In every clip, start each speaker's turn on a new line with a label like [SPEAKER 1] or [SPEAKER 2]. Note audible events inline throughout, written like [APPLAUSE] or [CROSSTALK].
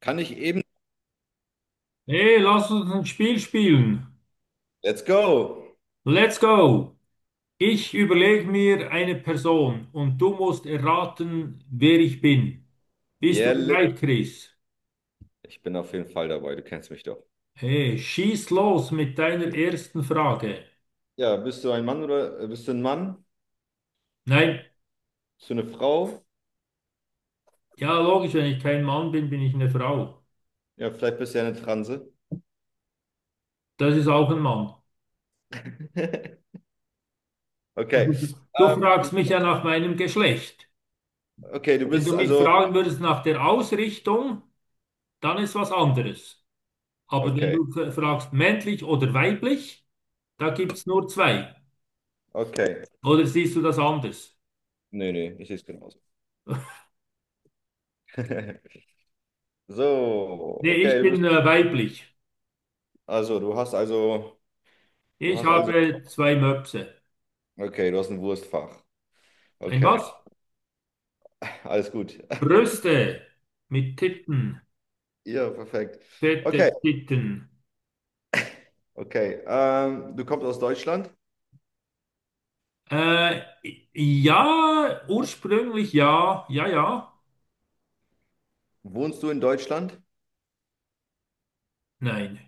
[SPEAKER 1] Kann ich eben.
[SPEAKER 2] Nee, lass uns ein Spiel spielen.
[SPEAKER 1] Let's go.
[SPEAKER 2] Let's go. Ich überlege mir eine Person und du musst erraten, wer ich bin. Bist du
[SPEAKER 1] Yeah, let
[SPEAKER 2] bereit, Chris?
[SPEAKER 1] Ich bin auf jeden Fall dabei. Du kennst mich doch.
[SPEAKER 2] Hey, schieß los mit deiner ersten Frage.
[SPEAKER 1] Ja, bist du ein Mann oder bist du ein Mann?
[SPEAKER 2] Nein,
[SPEAKER 1] Bist du eine Frau?
[SPEAKER 2] ja, logisch, wenn ich kein Mann bin, bin ich eine Frau.
[SPEAKER 1] Ja, vielleicht bist du ja eine Transe.
[SPEAKER 2] Das ist auch ein Mann.
[SPEAKER 1] [LAUGHS] Okay.
[SPEAKER 2] Du
[SPEAKER 1] Ähm, du-
[SPEAKER 2] fragst mich ja nach meinem Geschlecht.
[SPEAKER 1] okay, du
[SPEAKER 2] Wenn du
[SPEAKER 1] bist
[SPEAKER 2] mich
[SPEAKER 1] also.
[SPEAKER 2] fragen würdest nach der Ausrichtung, dann ist was anderes. Aber wenn
[SPEAKER 1] Okay,
[SPEAKER 2] du fragst männlich oder weiblich, da gibt es nur zwei.
[SPEAKER 1] okay.
[SPEAKER 2] Oder siehst du das anders?
[SPEAKER 1] Nee, nee, ich sehe es genauso. [LAUGHS] So,
[SPEAKER 2] Nee,
[SPEAKER 1] okay,
[SPEAKER 2] ich
[SPEAKER 1] du
[SPEAKER 2] bin
[SPEAKER 1] bist.
[SPEAKER 2] weiblich.
[SPEAKER 1] Also, du hast also. Du
[SPEAKER 2] Ich
[SPEAKER 1] hast also.
[SPEAKER 2] habe zwei Möpse.
[SPEAKER 1] Okay, du hast ein Wurstfach.
[SPEAKER 2] Ein was?
[SPEAKER 1] Okay, [LAUGHS] alles gut. [LAUGHS]
[SPEAKER 2] Brüste mit Titten,
[SPEAKER 1] Ja, perfekt. Okay,
[SPEAKER 2] fette Titten.
[SPEAKER 1] okay. Du kommst aus Deutschland.
[SPEAKER 2] Äh, ja, ursprünglich, ja, ja, ja,
[SPEAKER 1] Wohnst du in Deutschland?
[SPEAKER 2] nein.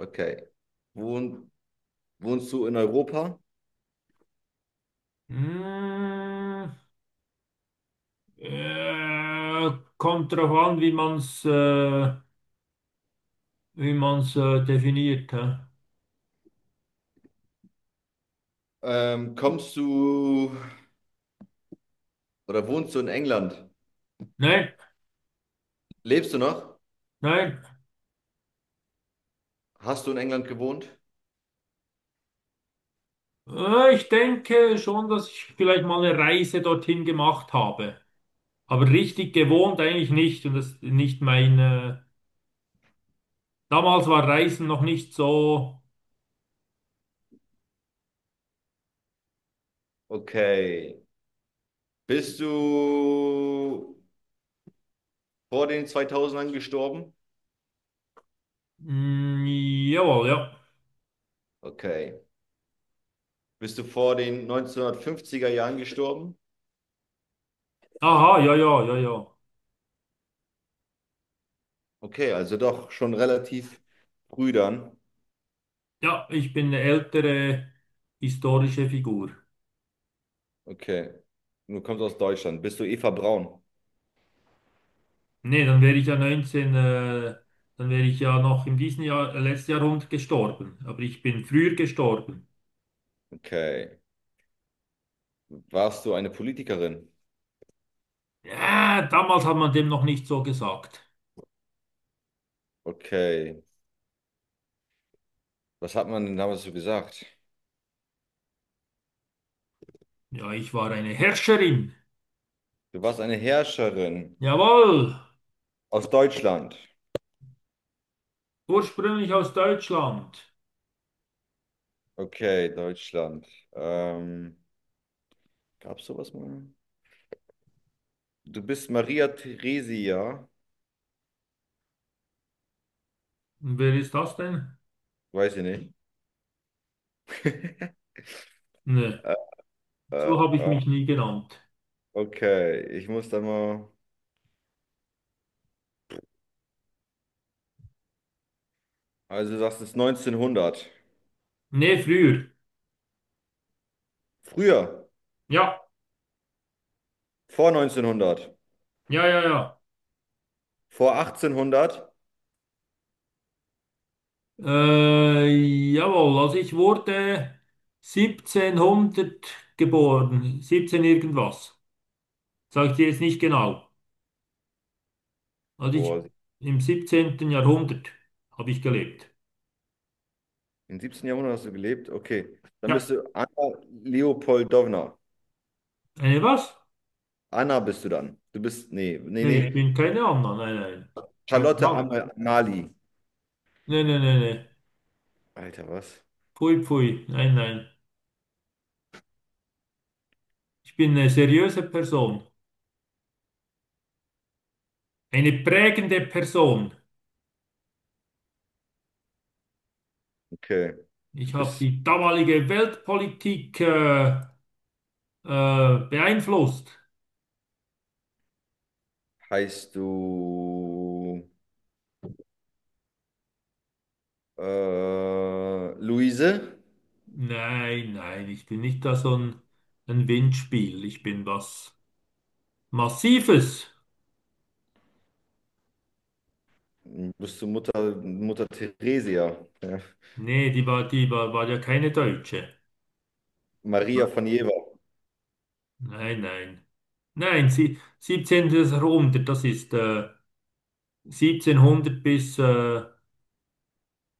[SPEAKER 1] Okay. Wohn, wohnst du in Europa?
[SPEAKER 2] Mm, äh, Kommt drauf an, wie man's, wie man's definiert. Hä?
[SPEAKER 1] Kommst du oder wohnst du in England?
[SPEAKER 2] Nein,
[SPEAKER 1] Lebst du noch?
[SPEAKER 2] nein.
[SPEAKER 1] Hast du in England gewohnt?
[SPEAKER 2] Ich denke schon, dass ich vielleicht mal eine Reise dorthin gemacht habe. Aber richtig gewohnt eigentlich nicht und das ist nicht meine damals war Reisen noch nicht so.
[SPEAKER 1] Okay. Bist du vor den zweitausendern gestorben?
[SPEAKER 2] Mm, Jawohl, ja.
[SPEAKER 1] Okay. Bist du vor den neunzehnhundertfünfziger Jahren gestorben?
[SPEAKER 2] Aha, ja, ja, ja, ja.
[SPEAKER 1] Okay, also doch schon relativ früh dann.
[SPEAKER 2] Ja, ich bin eine ältere historische Figur.
[SPEAKER 1] Okay. Und du kommst aus Deutschland. Bist du Eva Braun?
[SPEAKER 2] Nee, dann wäre ich ja 19 dann wäre ich ja noch in diesem Jahr, letzten Jahrhundert gestorben. Aber ich bin früher gestorben.
[SPEAKER 1] Okay. Warst du eine Politikerin?
[SPEAKER 2] Ja, damals hat man dem noch nicht so gesagt.
[SPEAKER 1] Okay. Was hat man denn damals so gesagt?
[SPEAKER 2] Ja, ich war eine Herrscherin.
[SPEAKER 1] Du warst eine Herrscherin
[SPEAKER 2] Jawohl,
[SPEAKER 1] aus Deutschland.
[SPEAKER 2] ursprünglich aus Deutschland.
[SPEAKER 1] Okay, Deutschland. Ähm, Gab's sowas mal? Du bist Maria Theresia.
[SPEAKER 2] Und wer ist das denn?
[SPEAKER 1] Weiß ich nicht. [LAUGHS]
[SPEAKER 2] Nee,
[SPEAKER 1] äh, äh,
[SPEAKER 2] so habe ich
[SPEAKER 1] äh,
[SPEAKER 2] mich nie genannt.
[SPEAKER 1] okay, ich muss da mal. Also, du sagst, es ist 1900.
[SPEAKER 2] Nee, früher.
[SPEAKER 1] Früher,
[SPEAKER 2] Ja,
[SPEAKER 1] vor 1900,
[SPEAKER 2] ja, ja, ja.
[SPEAKER 1] vor 1800.
[SPEAKER 2] Äh, Jawohl, also ich wurde 1700 geboren, 17 irgendwas. Sag ich dir jetzt nicht genau. Also ich
[SPEAKER 1] Boah,
[SPEAKER 2] im 17. Jahrhundert habe ich gelebt.
[SPEAKER 1] im 17. Jahrhundert hast du gelebt. Okay, dann bist
[SPEAKER 2] Ja,
[SPEAKER 1] du Anna Leopoldowna.
[SPEAKER 2] eine was?
[SPEAKER 1] Anna bist du dann. Du bist, nee, nee,
[SPEAKER 2] Nee, ich Nee.
[SPEAKER 1] nee.
[SPEAKER 2] Bin keine Anna, nein, nein. Kein
[SPEAKER 1] Charlotte
[SPEAKER 2] Fall.
[SPEAKER 1] Amal Amalie.
[SPEAKER 2] Nee, nee, nee, nee.
[SPEAKER 1] Alter, was?
[SPEAKER 2] Pfui, pfui, nein, nein. Ich bin eine seriöse Person, eine prägende Person.
[SPEAKER 1] Okay. Du
[SPEAKER 2] Ich habe
[SPEAKER 1] bist,
[SPEAKER 2] die damalige Weltpolitik beeinflusst.
[SPEAKER 1] heißt du Luise?
[SPEAKER 2] Nein, nein, ich bin nicht da so ein Windspiel. Ich bin was Massives.
[SPEAKER 1] Bist du Mutter, Mutter Theresia? Ja.
[SPEAKER 2] Nee, die war war ja keine Deutsche.
[SPEAKER 1] Maria von Jever.
[SPEAKER 2] Nein, nein. Nein, sie, 17. Jahrhundert, das ist 1700 bis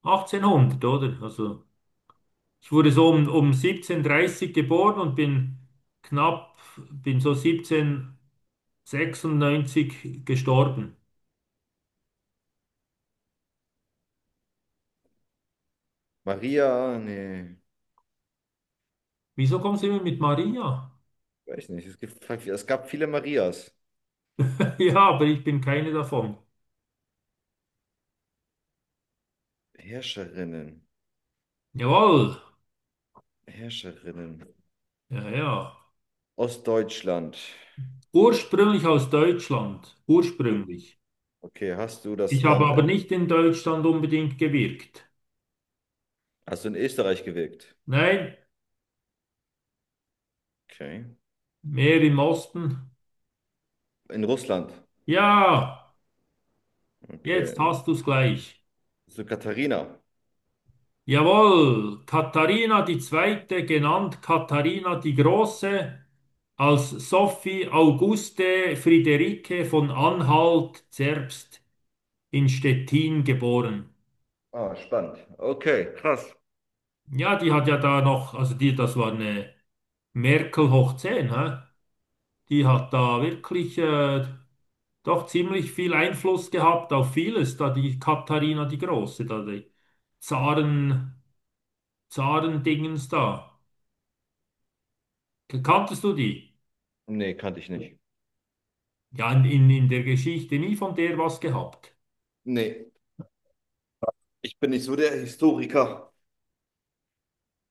[SPEAKER 2] 1800, oder? Also ich wurde so um 1730 geboren und bin knapp, bin so 1796 gestorben.
[SPEAKER 1] Maria, nee,
[SPEAKER 2] Wieso kommen Sie immer mit Maria?
[SPEAKER 1] weiß nicht. Es gibt, halt, es gab viele Marias.
[SPEAKER 2] [LAUGHS] Ja, aber ich bin keine davon.
[SPEAKER 1] Herrscherinnen,
[SPEAKER 2] Jawohl.
[SPEAKER 1] Herrscherinnen.
[SPEAKER 2] Ja, ja.
[SPEAKER 1] Ostdeutschland.
[SPEAKER 2] Ursprünglich aus Deutschland. Ursprünglich.
[SPEAKER 1] Okay, hast du das
[SPEAKER 2] Ich habe
[SPEAKER 1] Land,
[SPEAKER 2] aber nicht in Deutschland unbedingt gewirkt.
[SPEAKER 1] hast du in Österreich gewirkt?
[SPEAKER 2] Nein,
[SPEAKER 1] Okay.
[SPEAKER 2] mehr im Osten.
[SPEAKER 1] In Russland?
[SPEAKER 2] Ja, jetzt
[SPEAKER 1] Okay.
[SPEAKER 2] hast du's gleich.
[SPEAKER 1] So Katharina?
[SPEAKER 2] Jawohl, Katharina die Zweite, genannt Katharina die Große, als Sophie Auguste Friederike von Anhalt-Zerbst in Stettin geboren.
[SPEAKER 1] Ah, spannend. Okay, krass.
[SPEAKER 2] Ja, die hat ja da noch, also die, das war eine Merkel hoch zehn, hä? Die hat da wirklich doch ziemlich viel Einfluss gehabt auf vieles, da die Katharina die Große, da die Zaren, Zarendingens da. Kanntest du die?
[SPEAKER 1] Nee, kannte ich nicht.
[SPEAKER 2] Ja, in der Geschichte nie von der was gehabt.
[SPEAKER 1] Nee. Ich bin nicht so der Historiker.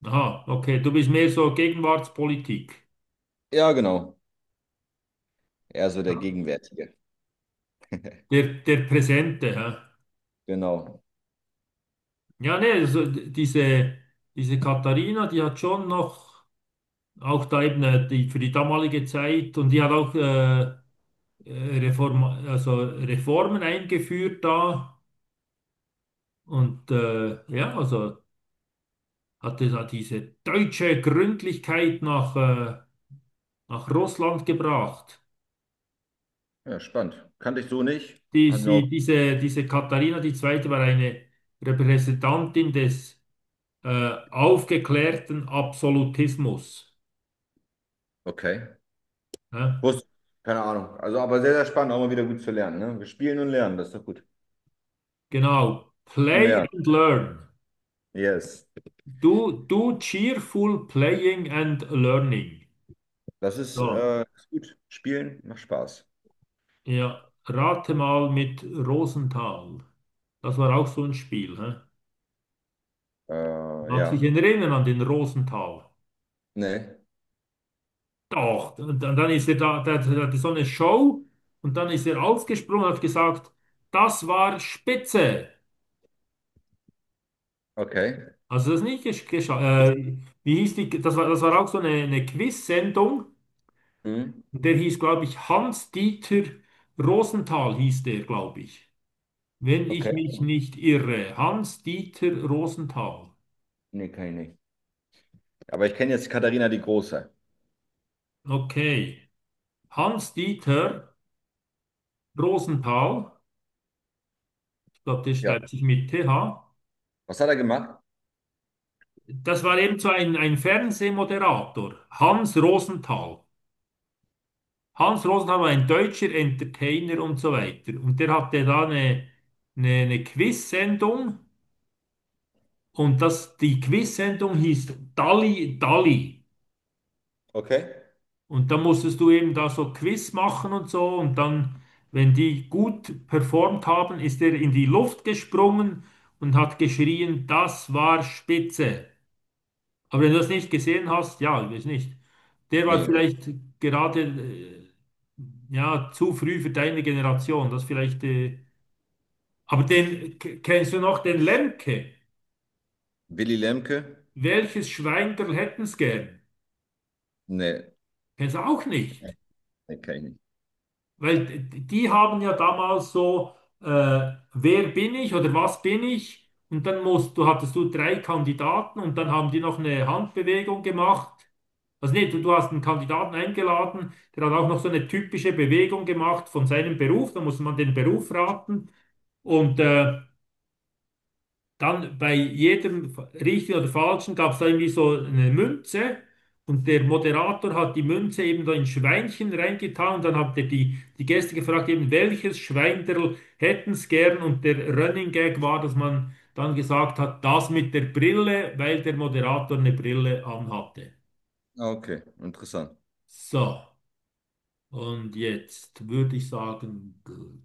[SPEAKER 2] Aha, okay, du bist mehr so Gegenwartspolitik,
[SPEAKER 1] Ja, genau. Eher so der Gegenwärtige.
[SPEAKER 2] der Präsente, hä?
[SPEAKER 1] Genau.
[SPEAKER 2] Ja, nee, diese Katharina, die hat schon noch, auch da eben die, für die damalige Zeit und die hat auch Reform, also Reformen eingeführt da und ja, also hatte da diese deutsche Gründlichkeit nach, nach Russland gebracht.
[SPEAKER 1] Ja, spannend. Kannte ich so nicht. Hat mir auch.
[SPEAKER 2] Diese Katharina die Zweite war eine Repräsentantin des aufgeklärten Absolutismus.
[SPEAKER 1] Okay.
[SPEAKER 2] Ne?
[SPEAKER 1] Wusste. Keine Ahnung. Also, aber sehr, sehr spannend, auch mal wieder gut zu lernen. Ne? Wir spielen und lernen, das ist doch gut.
[SPEAKER 2] Genau. Play
[SPEAKER 1] Lernen.
[SPEAKER 2] and learn.
[SPEAKER 1] Yes.
[SPEAKER 2] Do cheerful playing and learning.
[SPEAKER 1] Das ist,
[SPEAKER 2] So,
[SPEAKER 1] ist gut. Spielen macht Spaß.
[SPEAKER 2] ja. Rate mal mit Rosenthal. Das war auch so ein Spiel. Hä? Mag sich
[SPEAKER 1] Ja.
[SPEAKER 2] erinnern an den Rosenthal.
[SPEAKER 1] Nee.
[SPEAKER 2] Doch, und dann ist er da, hatte so eine Show und dann ist er aufgesprungen und hat gesagt, das war spitze.
[SPEAKER 1] Okay.
[SPEAKER 2] Also das nicht geschafft. Wie hieß die? Das war auch so eine Quiz-Sendung.
[SPEAKER 1] Hm.
[SPEAKER 2] Und der hieß, glaube ich, Hans-Dieter Rosenthal hieß der, glaube ich. Wenn ich
[SPEAKER 1] Okay.
[SPEAKER 2] mich nicht irre. Hans-Dieter Rosenthal.
[SPEAKER 1] Nee, kann ich nicht. Aber ich kenne jetzt Katharina die Große.
[SPEAKER 2] Okay. Hans-Dieter Rosenthal. Ich glaube, der
[SPEAKER 1] Ja.
[SPEAKER 2] schreibt sich mit TH.
[SPEAKER 1] Was hat er gemacht?
[SPEAKER 2] Das war eben so ein Fernsehmoderator. Hans Rosenthal. Hans Rosenthal war ein deutscher Entertainer und so weiter. Und der hatte da eine Quiz-Sendung. Und das, die Quiz-Sendung hieß Dalli Dalli.
[SPEAKER 1] Okay.
[SPEAKER 2] Und dann musstest du eben da so Quiz machen und so. Und dann, wenn die gut performt haben, ist er in die Luft gesprungen und hat geschrien, das war spitze. Aber wenn du das nicht gesehen hast, ja, ich weiß nicht. Der war
[SPEAKER 1] Nee.
[SPEAKER 2] vielleicht gerade ja, zu früh für deine Generation. Das vielleicht. Aber den kennst du noch, den Lemke?
[SPEAKER 1] Willy Lemke?
[SPEAKER 2] Welches Schwein hätten's gern?
[SPEAKER 1] Nee.
[SPEAKER 2] Kennst du auch nicht.
[SPEAKER 1] Nee, kenn ich nicht.
[SPEAKER 2] Weil die haben ja damals so, äh, wer bin ich oder was bin ich? Und dann musst du, hattest du drei Kandidaten und dann haben die noch eine Handbewegung gemacht. Also nee, du hast einen Kandidaten eingeladen, der hat auch noch so eine typische Bewegung gemacht von seinem Beruf. Da muss man den Beruf raten. Und dann bei jedem richtigen oder falschen gab es da irgendwie so eine Münze und der Moderator hat die Münze eben da in Schweinchen reingetan und dann hat er die Gäste gefragt, eben welches Schweinderl hätten's gern und der Running Gag war, dass man dann gesagt hat, das mit der Brille, weil der Moderator eine Brille anhatte.
[SPEAKER 1] Ah, okay, interessant.
[SPEAKER 2] So, und jetzt würde ich sagen, gut.